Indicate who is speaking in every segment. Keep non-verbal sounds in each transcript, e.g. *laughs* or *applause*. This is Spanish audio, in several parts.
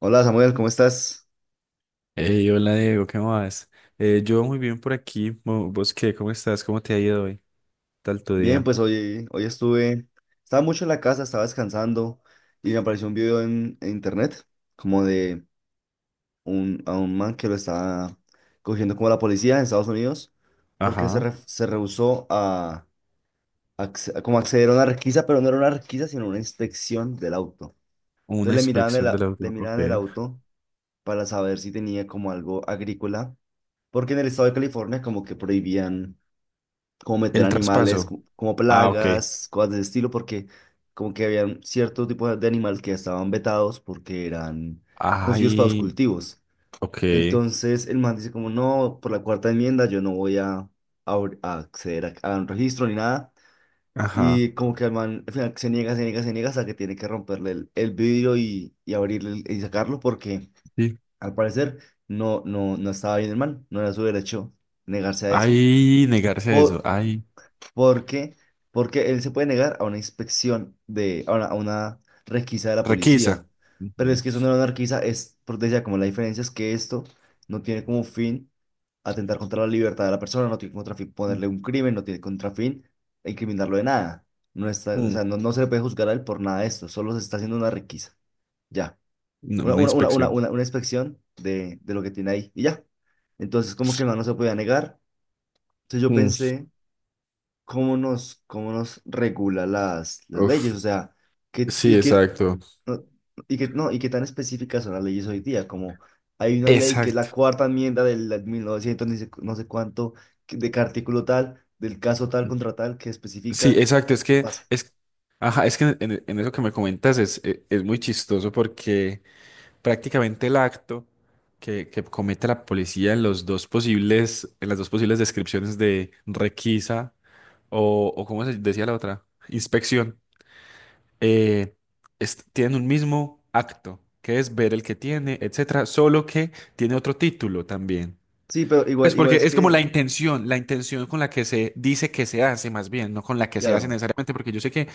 Speaker 1: Hola Samuel, ¿cómo estás?
Speaker 2: Hey, hola, Diego, ¿qué más? Yo muy bien por aquí. ¿Vos qué? ¿Cómo estás? ¿Cómo te ha ido hoy? ¿Tal tu
Speaker 1: Bien,
Speaker 2: día?
Speaker 1: pues hoy estaba mucho en la casa, estaba descansando y me apareció un video en internet como de a un man que lo estaba cogiendo como la policía en Estados Unidos porque
Speaker 2: Ajá.
Speaker 1: se rehusó a como acceder a una requisa, pero no era una requisa, sino una inspección del auto.
Speaker 2: Una
Speaker 1: Entonces
Speaker 2: inspección del
Speaker 1: le
Speaker 2: auto. Ok.
Speaker 1: miraban el auto para saber si tenía como algo agrícola, porque en el estado de California como que prohibían como meter
Speaker 2: El
Speaker 1: animales,
Speaker 2: traspaso.
Speaker 1: como
Speaker 2: Ah, ok.
Speaker 1: plagas, cosas de ese estilo, porque como que habían ciertos tipos de animales que estaban vetados porque eran no nocivos para los
Speaker 2: Ay,
Speaker 1: cultivos.
Speaker 2: ok.
Speaker 1: Entonces el man dice como, no, por la cuarta enmienda yo no voy a acceder a un registro ni nada.
Speaker 2: Ajá.
Speaker 1: Y como que el man al final se niega, se niega, se niega hasta que tiene que romperle el vidrio y abrirle y sacarlo porque
Speaker 2: Sí.
Speaker 1: al parecer no estaba bien el man, no era su derecho negarse a eso.
Speaker 2: Ay, negarse a eso. Ay,
Speaker 1: Porque, porque él se puede negar a una inspección a una requisa de la
Speaker 2: requisa.
Speaker 1: policía. Pero es
Speaker 2: Ujú.
Speaker 1: que eso no era una requisa, por decía, como la diferencia es que esto no tiene como fin atentar contra la libertad de la persona, no tiene contra fin ponerle un crimen, no tiene contra fin incriminarlo de nada. O
Speaker 2: Mm,
Speaker 1: sea, no se le puede juzgar a él por nada de esto, solo se está haciendo una requisa. Ya.
Speaker 2: no,
Speaker 1: Una,
Speaker 2: una
Speaker 1: una, una, una,
Speaker 2: inspección.
Speaker 1: una, una inspección de lo que tiene ahí. Y ya. Entonces, como que el man no se podía negar. Entonces yo
Speaker 2: Mm.
Speaker 1: pensé cómo nos regula las
Speaker 2: Uf.
Speaker 1: leyes, o sea, que,
Speaker 2: Sí,
Speaker 1: y que,
Speaker 2: exacto.
Speaker 1: no, y que, no, y qué tan específicas son las leyes hoy día, como hay una ley que es
Speaker 2: Exacto.
Speaker 1: la cuarta enmienda del 1900 ni sé- no sé cuánto, de qué artículo tal, del caso tal contra tal, que
Speaker 2: Sí,
Speaker 1: especifica
Speaker 2: exacto. Es
Speaker 1: qué
Speaker 2: que
Speaker 1: pasa.
Speaker 2: es, ajá, es que en eso que me comentas es muy chistoso porque prácticamente el acto que comete la policía en los dos posibles, en las dos posibles descripciones de requisa o, ¿cómo se decía la otra? Inspección. eh, Tienen un mismo acto, que es ver el que tiene, etcétera, solo que tiene otro título también.
Speaker 1: Sí, pero
Speaker 2: Pues
Speaker 1: igual
Speaker 2: porque
Speaker 1: es
Speaker 2: es como
Speaker 1: que,
Speaker 2: la intención con la que se dice que se hace, más bien, no con la que se hace
Speaker 1: claro,
Speaker 2: necesariamente, porque yo sé que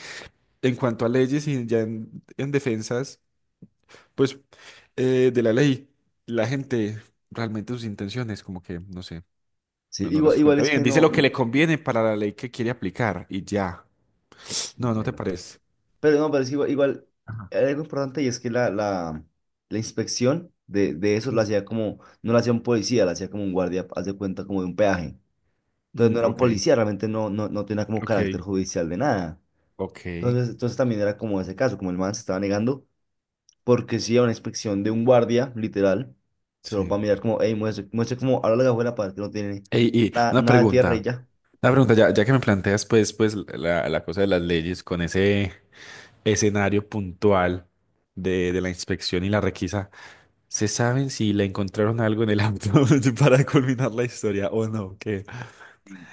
Speaker 2: en cuanto a leyes y ya en defensas. Pues de la ley, la gente realmente sus intenciones, como que, no sé,
Speaker 1: sí,
Speaker 2: no, no
Speaker 1: igual,
Speaker 2: las
Speaker 1: igual
Speaker 2: cuenta
Speaker 1: es
Speaker 2: bien.
Speaker 1: que
Speaker 2: Dice
Speaker 1: no,
Speaker 2: lo que le conviene para la ley que quiere aplicar y ya. No, ¿no te
Speaker 1: entiendo.
Speaker 2: parece?
Speaker 1: Pero no, pero es que igual
Speaker 2: Ajá.
Speaker 1: hay algo importante y es que la inspección de eso la
Speaker 2: Mm,
Speaker 1: hacía como, no la hacía un policía, la hacía como un guardia, haz de cuenta como de un peaje. Entonces
Speaker 2: mm,
Speaker 1: no era un
Speaker 2: ok,
Speaker 1: policía, realmente no tenía como
Speaker 2: ok,
Speaker 1: carácter judicial de nada.
Speaker 2: ok,
Speaker 1: Entonces también era como ese caso, como el man se estaba negando, porque sí era una inspección de un guardia, literal, solo
Speaker 2: sí.
Speaker 1: para mirar como, hey, muestre, muestre como, ahora la cajuela para ver que no tiene
Speaker 2: Ey, y
Speaker 1: nada,
Speaker 2: una
Speaker 1: nada de tierra y
Speaker 2: pregunta,
Speaker 1: ya.
Speaker 2: ya que me planteas pues la cosa de las leyes con ese escenario puntual de la inspección y la requisa, ¿se saben si le encontraron algo en el auto *laughs* para culminar la historia o no?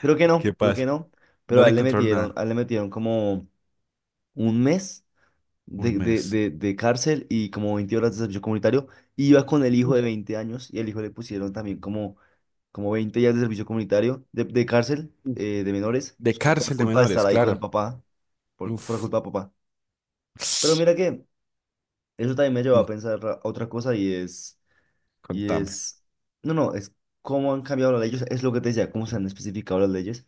Speaker 2: ¿Qué
Speaker 1: Creo que
Speaker 2: pasa?
Speaker 1: no, pero
Speaker 2: No
Speaker 1: a
Speaker 2: le
Speaker 1: él le
Speaker 2: encontraron
Speaker 1: metieron,
Speaker 2: nada.
Speaker 1: a él le metieron como un mes
Speaker 2: Un
Speaker 1: de, de,
Speaker 2: mes.
Speaker 1: de, de cárcel y como 20 horas de servicio comunitario. Iba con el hijo
Speaker 2: Uf,
Speaker 1: de 20 años y el hijo le pusieron también como 20 días de servicio comunitario de cárcel
Speaker 2: uf.
Speaker 1: de menores,
Speaker 2: De
Speaker 1: solo por la
Speaker 2: cárcel de
Speaker 1: culpa de estar
Speaker 2: menores,
Speaker 1: ahí con el
Speaker 2: claro.
Speaker 1: papá, por la
Speaker 2: Uf.
Speaker 1: culpa de papá. Pero mira que eso también me llevó
Speaker 2: Mm,
Speaker 1: a pensar otra cosa y es... Y
Speaker 2: Contame.
Speaker 1: es, no, no, es cómo han cambiado las leyes, es lo que te decía, cómo se han especificado las leyes,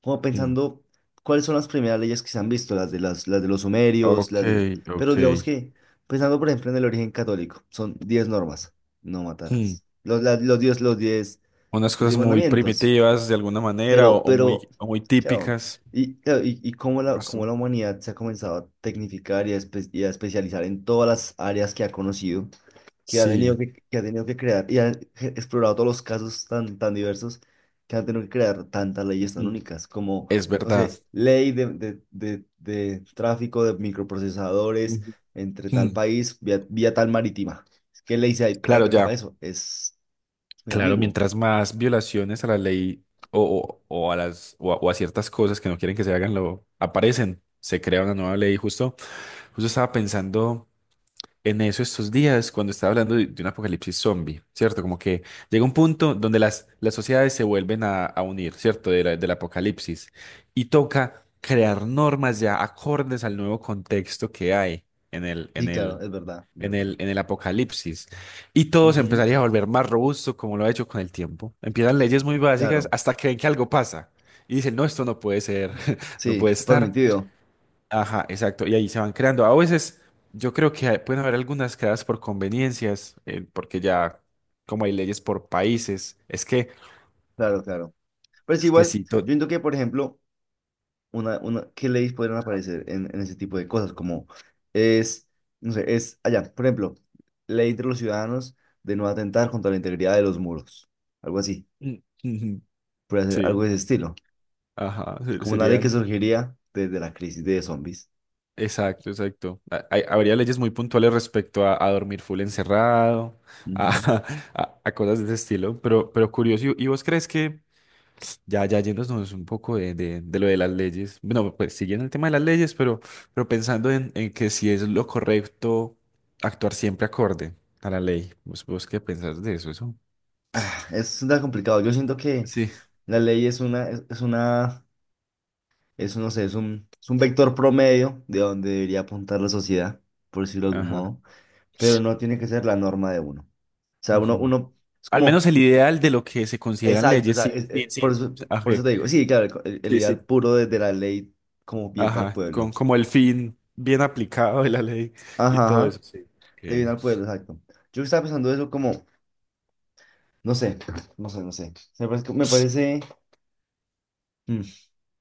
Speaker 1: como
Speaker 2: Mm.
Speaker 1: pensando cuáles son las primeras leyes que se han visto, las de los sumerios,
Speaker 2: Ok,
Speaker 1: las de...
Speaker 2: ok.
Speaker 1: Pero digamos que, pensando por ejemplo en el origen católico, son 10 normas, no
Speaker 2: Mm.
Speaker 1: matarás, los, las- los 10, los diez
Speaker 2: Unas
Speaker 1: los
Speaker 2: cosas
Speaker 1: 10
Speaker 2: muy
Speaker 1: mandamientos,
Speaker 2: primitivas de alguna manera o,
Speaker 1: pero,
Speaker 2: o
Speaker 1: pero,
Speaker 2: muy, o muy
Speaker 1: claro,
Speaker 2: típicas.
Speaker 1: y cómo
Speaker 2: Qué
Speaker 1: la, cómo
Speaker 2: costum-
Speaker 1: la humanidad se ha comenzado a tecnificar y a especializar en todas las áreas que ha conocido que ha
Speaker 2: Sí,
Speaker 1: tenido que ha tenido que crear y ha explorado todos los casos tan, tan diversos que han tenido que crear tantas leyes tan
Speaker 2: ujú,
Speaker 1: únicas como,
Speaker 2: es
Speaker 1: no
Speaker 2: verdad.
Speaker 1: sé, ley de tráfico de microprocesadores
Speaker 2: Ujú.
Speaker 1: entre tal
Speaker 2: Mm.
Speaker 1: país vía tal marítima. ¿Qué ley se
Speaker 2: Claro,
Speaker 1: aplica para
Speaker 2: ya.
Speaker 1: eso? Es muy
Speaker 2: Claro,
Speaker 1: ambiguo.
Speaker 2: mientras más violaciones a la ley o a las, o a ciertas cosas que no quieren que se hagan, lo aparecen. Se crea una nueva ley. Justo estaba pensando en eso estos días cuando estaba hablando de un apocalipsis zombie, ¿cierto? Como que llega un punto donde las sociedades se vuelven a unir, ¿cierto? Del apocalipsis. Y toca crear normas ya acordes al nuevo contexto que hay en el, en
Speaker 1: Sí, claro,
Speaker 2: el,
Speaker 1: es verdad, es verdad.
Speaker 2: en el apocalipsis. Y todo se
Speaker 1: Ujú.
Speaker 2: empezaría a volver más robusto como lo ha hecho con el tiempo. Empiezan leyes muy básicas
Speaker 1: Claro,
Speaker 2: hasta que ven que algo pasa. Y dicen, no, esto no puede ser, *laughs* no
Speaker 1: sí,
Speaker 2: puede estar.
Speaker 1: permitido.
Speaker 2: Ajá, exacto. Y ahí se van creando. A veces yo creo que pueden haber algunas creadas por conveniencias, porque ya como hay leyes por países,
Speaker 1: Claro, claro. Pero es
Speaker 2: es que
Speaker 1: igual, yo
Speaker 2: sí,
Speaker 1: entiendo que, por ejemplo, ¿qué leyes podrían aparecer en ese tipo de cosas? Como es, no sé, es allá, por ejemplo, ley entre los ciudadanos de no atentar contra la integridad de los muros, algo así,
Speaker 2: mm, ujú,
Speaker 1: puede ser algo
Speaker 2: sí,
Speaker 1: de ese estilo,
Speaker 2: ajá,
Speaker 1: como una ley que
Speaker 2: serían,
Speaker 1: surgiría desde la crisis de zombies.
Speaker 2: exacto, exacto. Habría leyes muy puntuales respecto a dormir full encerrado,
Speaker 1: Ujú.
Speaker 2: a, *laughs* a cosas de ese estilo, pero curioso. ¿Y vos crees que? Ya, yéndonos un poco de lo de las leyes. Bueno, pues siguiendo el tema de las leyes, pero, pensando en que si es lo correcto actuar siempre acorde a la ley. ¿Vos qué pensás de eso? Eso.
Speaker 1: Ah, es tan complicado, yo siento que
Speaker 2: Sí.
Speaker 1: la ley es un, no sé, es un vector promedio de donde debería apuntar la sociedad, por decirlo de algún
Speaker 2: Ajá.
Speaker 1: modo, pero no tiene que ser la norma de uno. O sea,
Speaker 2: Ujú.
Speaker 1: es
Speaker 2: Al
Speaker 1: como...
Speaker 2: menos el ideal de lo que se consideran
Speaker 1: Exacto, o
Speaker 2: leyes,
Speaker 1: sea,
Speaker 2: sí, sí, sí. Ajá.
Speaker 1: por eso te digo, sí, claro, el
Speaker 2: Sí, sí.
Speaker 1: ideal puro de la ley como bien para el
Speaker 2: Ajá.
Speaker 1: pueblo.
Speaker 2: Como el fin bien aplicado de la ley y
Speaker 1: Ajá,
Speaker 2: todo
Speaker 1: ajá,
Speaker 2: eso, sí.
Speaker 1: de bien
Speaker 2: Ok.
Speaker 1: al pueblo, exacto. Yo estaba pensando eso como, no sé, no sé, no sé. Me parece, mm,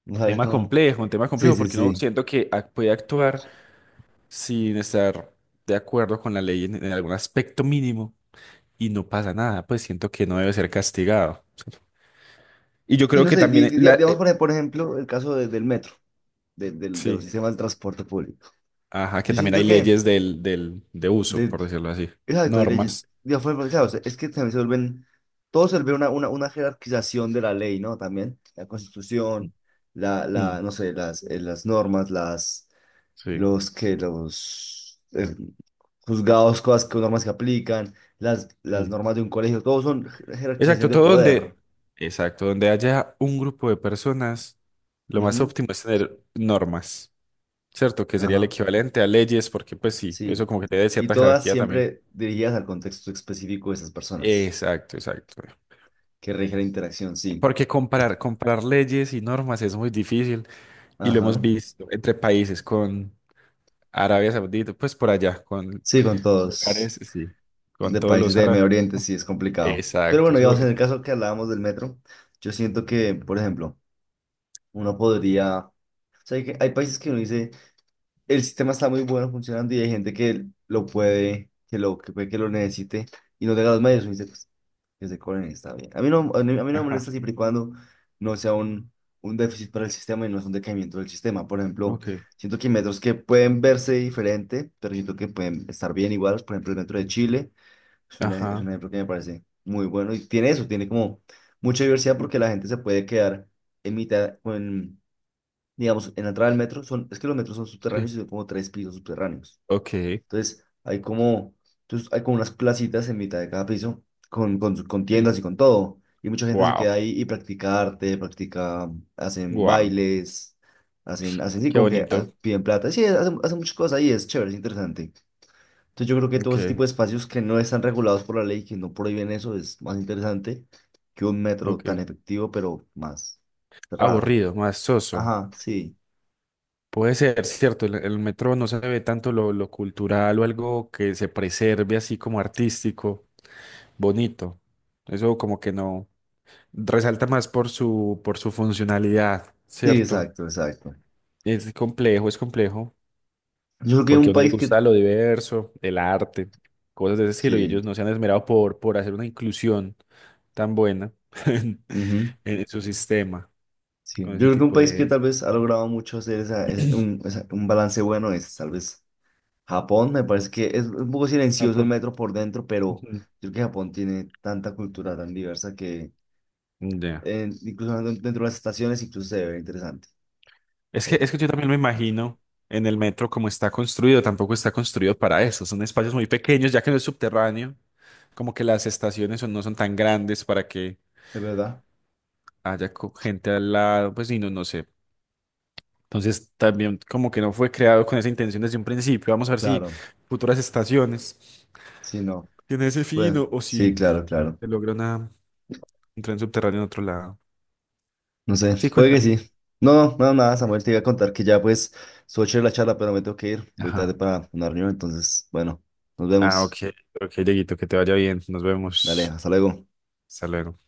Speaker 1: no sabría
Speaker 2: Tema
Speaker 1: cómo.
Speaker 2: complejo, un tema
Speaker 1: Sí,
Speaker 2: complejo
Speaker 1: sí,
Speaker 2: porque uno
Speaker 1: sí.
Speaker 2: siento que puede actuar sin estar de acuerdo con la ley en algún aspecto mínimo y no pasa nada, pues siento que no debe ser castigado. Y yo
Speaker 1: Y
Speaker 2: creo
Speaker 1: no
Speaker 2: que
Speaker 1: sé,
Speaker 2: también la.
Speaker 1: digamos por ejemplo el caso del metro, de los
Speaker 2: Sí,
Speaker 1: sistemas de transporte público.
Speaker 2: ajá, que
Speaker 1: Yo
Speaker 2: también
Speaker 1: siento
Speaker 2: hay
Speaker 1: que
Speaker 2: leyes de uso,
Speaker 1: de-
Speaker 2: por decirlo así,
Speaker 1: Exacto, hay leyes.
Speaker 2: normas.
Speaker 1: Digo, claro, o sea, es que también se vuelven, todo se vuelve una jerarquización de la ley, ¿no? También la constitución,
Speaker 2: Mm,
Speaker 1: no sé, las normas, las,
Speaker 2: sí,
Speaker 1: los que, los juzgados, cosas, normas que aplican, las
Speaker 2: sí.
Speaker 1: normas de un colegio, todo son jerarquización
Speaker 2: Exacto,
Speaker 1: de poder.
Speaker 2: exacto, donde haya un grupo de personas, lo más
Speaker 1: Ujú.
Speaker 2: óptimo es tener normas, ¿cierto? Que sería el
Speaker 1: Ajá,
Speaker 2: equivalente a leyes, porque pues sí, eso
Speaker 1: sí.
Speaker 2: como que te da
Speaker 1: Y
Speaker 2: cierta
Speaker 1: todas
Speaker 2: jerarquía también.
Speaker 1: siempre dirigidas al contexto específico de esas personas
Speaker 2: Exacto, exacto.
Speaker 1: que rige la interacción, sí.
Speaker 2: Porque comparar leyes y normas es muy difícil y lo hemos
Speaker 1: Ajá,
Speaker 2: visto entre países con Arabia Saudita, pues por allá, con,
Speaker 1: sí, con
Speaker 2: con lugares,
Speaker 1: todos.
Speaker 2: sí, con
Speaker 1: De
Speaker 2: todos
Speaker 1: países
Speaker 2: los
Speaker 1: de Medio
Speaker 2: árabes.
Speaker 1: Oriente sí es complicado. Pero
Speaker 2: Exacto,
Speaker 1: bueno,
Speaker 2: eso
Speaker 1: digamos, en el
Speaker 2: es.
Speaker 1: caso que hablábamos del metro, yo siento que, por ejemplo, uno podría... O sea, hay países que uno dice, el sistema está muy bueno funcionando y hay gente que lo puede, que lo, que puede que lo necesite y no tenga los medios. Uno dice, pues, que se cobren, está bien. A mí no me
Speaker 2: Ajá,
Speaker 1: molesta siempre y cuando no sea un déficit para el sistema y no es un decaimiento del sistema. Por ejemplo,
Speaker 2: ok,
Speaker 1: siento que hay metros que pueden verse diferente, pero siento que pueden estar bien igual. Por ejemplo, el metro de Chile. Es un
Speaker 2: ajá,
Speaker 1: ejemplo que me parece muy bueno y tiene eso, tiene como mucha diversidad porque
Speaker 2: ujú,
Speaker 1: la gente se puede quedar en mitad, con, digamos, en la entrada del metro, es que los metros son
Speaker 2: sí,
Speaker 1: subterráneos y son como tres pisos subterráneos.
Speaker 2: ok,
Speaker 1: Entonces hay como, entonces hay como unas placitas en mitad de cada piso con
Speaker 2: sí,
Speaker 1: tiendas y con todo. Y mucha gente se queda
Speaker 2: wow,
Speaker 1: ahí y practica arte, practica, hacen
Speaker 2: wow,
Speaker 1: bailes, hacen sí,
Speaker 2: qué
Speaker 1: como que
Speaker 2: bonito,
Speaker 1: piden plata. Sí, hacen muchas cosas ahí, es chévere, es interesante. Entonces yo creo que todo
Speaker 2: ok,
Speaker 1: ese tipo de espacios que no están regulados por la ley, que no prohíben eso, es más interesante que un metro tan
Speaker 2: ok.
Speaker 1: efectivo, pero más cerrado.
Speaker 2: Aburrido, más soso.
Speaker 1: Ajá, sí,
Speaker 2: Puede ser, cierto, el metro no se ve tanto lo cultural o algo que se preserve así como artístico, bonito. Eso como que no resalta más por su funcionalidad,
Speaker 1: sí,
Speaker 2: ¿cierto?
Speaker 1: exacto, exacto.
Speaker 2: Es complejo,
Speaker 1: Yo creo que
Speaker 2: porque
Speaker 1: un
Speaker 2: a uno le
Speaker 1: país que,
Speaker 2: gusta lo diverso, el arte, cosas de ese estilo, y
Speaker 1: sí,
Speaker 2: ellos no se han esmerado por hacer una inclusión tan buena *laughs* en,
Speaker 1: ujú,
Speaker 2: en su sistema
Speaker 1: sí,
Speaker 2: con
Speaker 1: yo
Speaker 2: ese
Speaker 1: creo que un
Speaker 2: tipo
Speaker 1: país que
Speaker 2: de.
Speaker 1: tal vez ha logrado mucho hacer un balance bueno es tal vez Japón, me parece que es un poco
Speaker 2: Ah.
Speaker 1: silencioso el metro por dentro, pero
Speaker 2: Ujú.
Speaker 1: yo creo que Japón tiene tanta cultura tan diversa que
Speaker 2: Ya.
Speaker 1: incluso dentro de las estaciones incluso se ve interesante.
Speaker 2: Es
Speaker 1: el-
Speaker 2: que yo también me imagino en el metro como está construido, tampoco está construido para eso. Son espacios muy pequeños, ya que no es subterráneo, como que las estaciones no son tan grandes para que
Speaker 1: Es verdad,
Speaker 2: haya gente al lado, pues y no, no sé. Entonces también como que no fue creado con esa intención desde un principio. Vamos a ver si
Speaker 1: claro,
Speaker 2: futuras estaciones
Speaker 1: sí, no,
Speaker 2: tienen ese fin
Speaker 1: bueno,
Speaker 2: o
Speaker 1: sí,
Speaker 2: si
Speaker 1: claro, claro,
Speaker 2: se logra un tren subterráneo en otro lado.
Speaker 1: no sé,
Speaker 2: Sí,
Speaker 1: puede que
Speaker 2: cuéntame.
Speaker 1: sí. No, no, no, nada, Samuel, te iba a contar que ya pues estuvo chévere la charla, pero me tengo que ir, voy tarde
Speaker 2: Ajá.
Speaker 1: para una reunión, entonces, bueno, nos
Speaker 2: Ah, ok,
Speaker 1: vemos,
Speaker 2: ok, Dieguito, que te vaya bien. Nos
Speaker 1: dale,
Speaker 2: vemos.
Speaker 1: hasta luego.
Speaker 2: Hasta luego.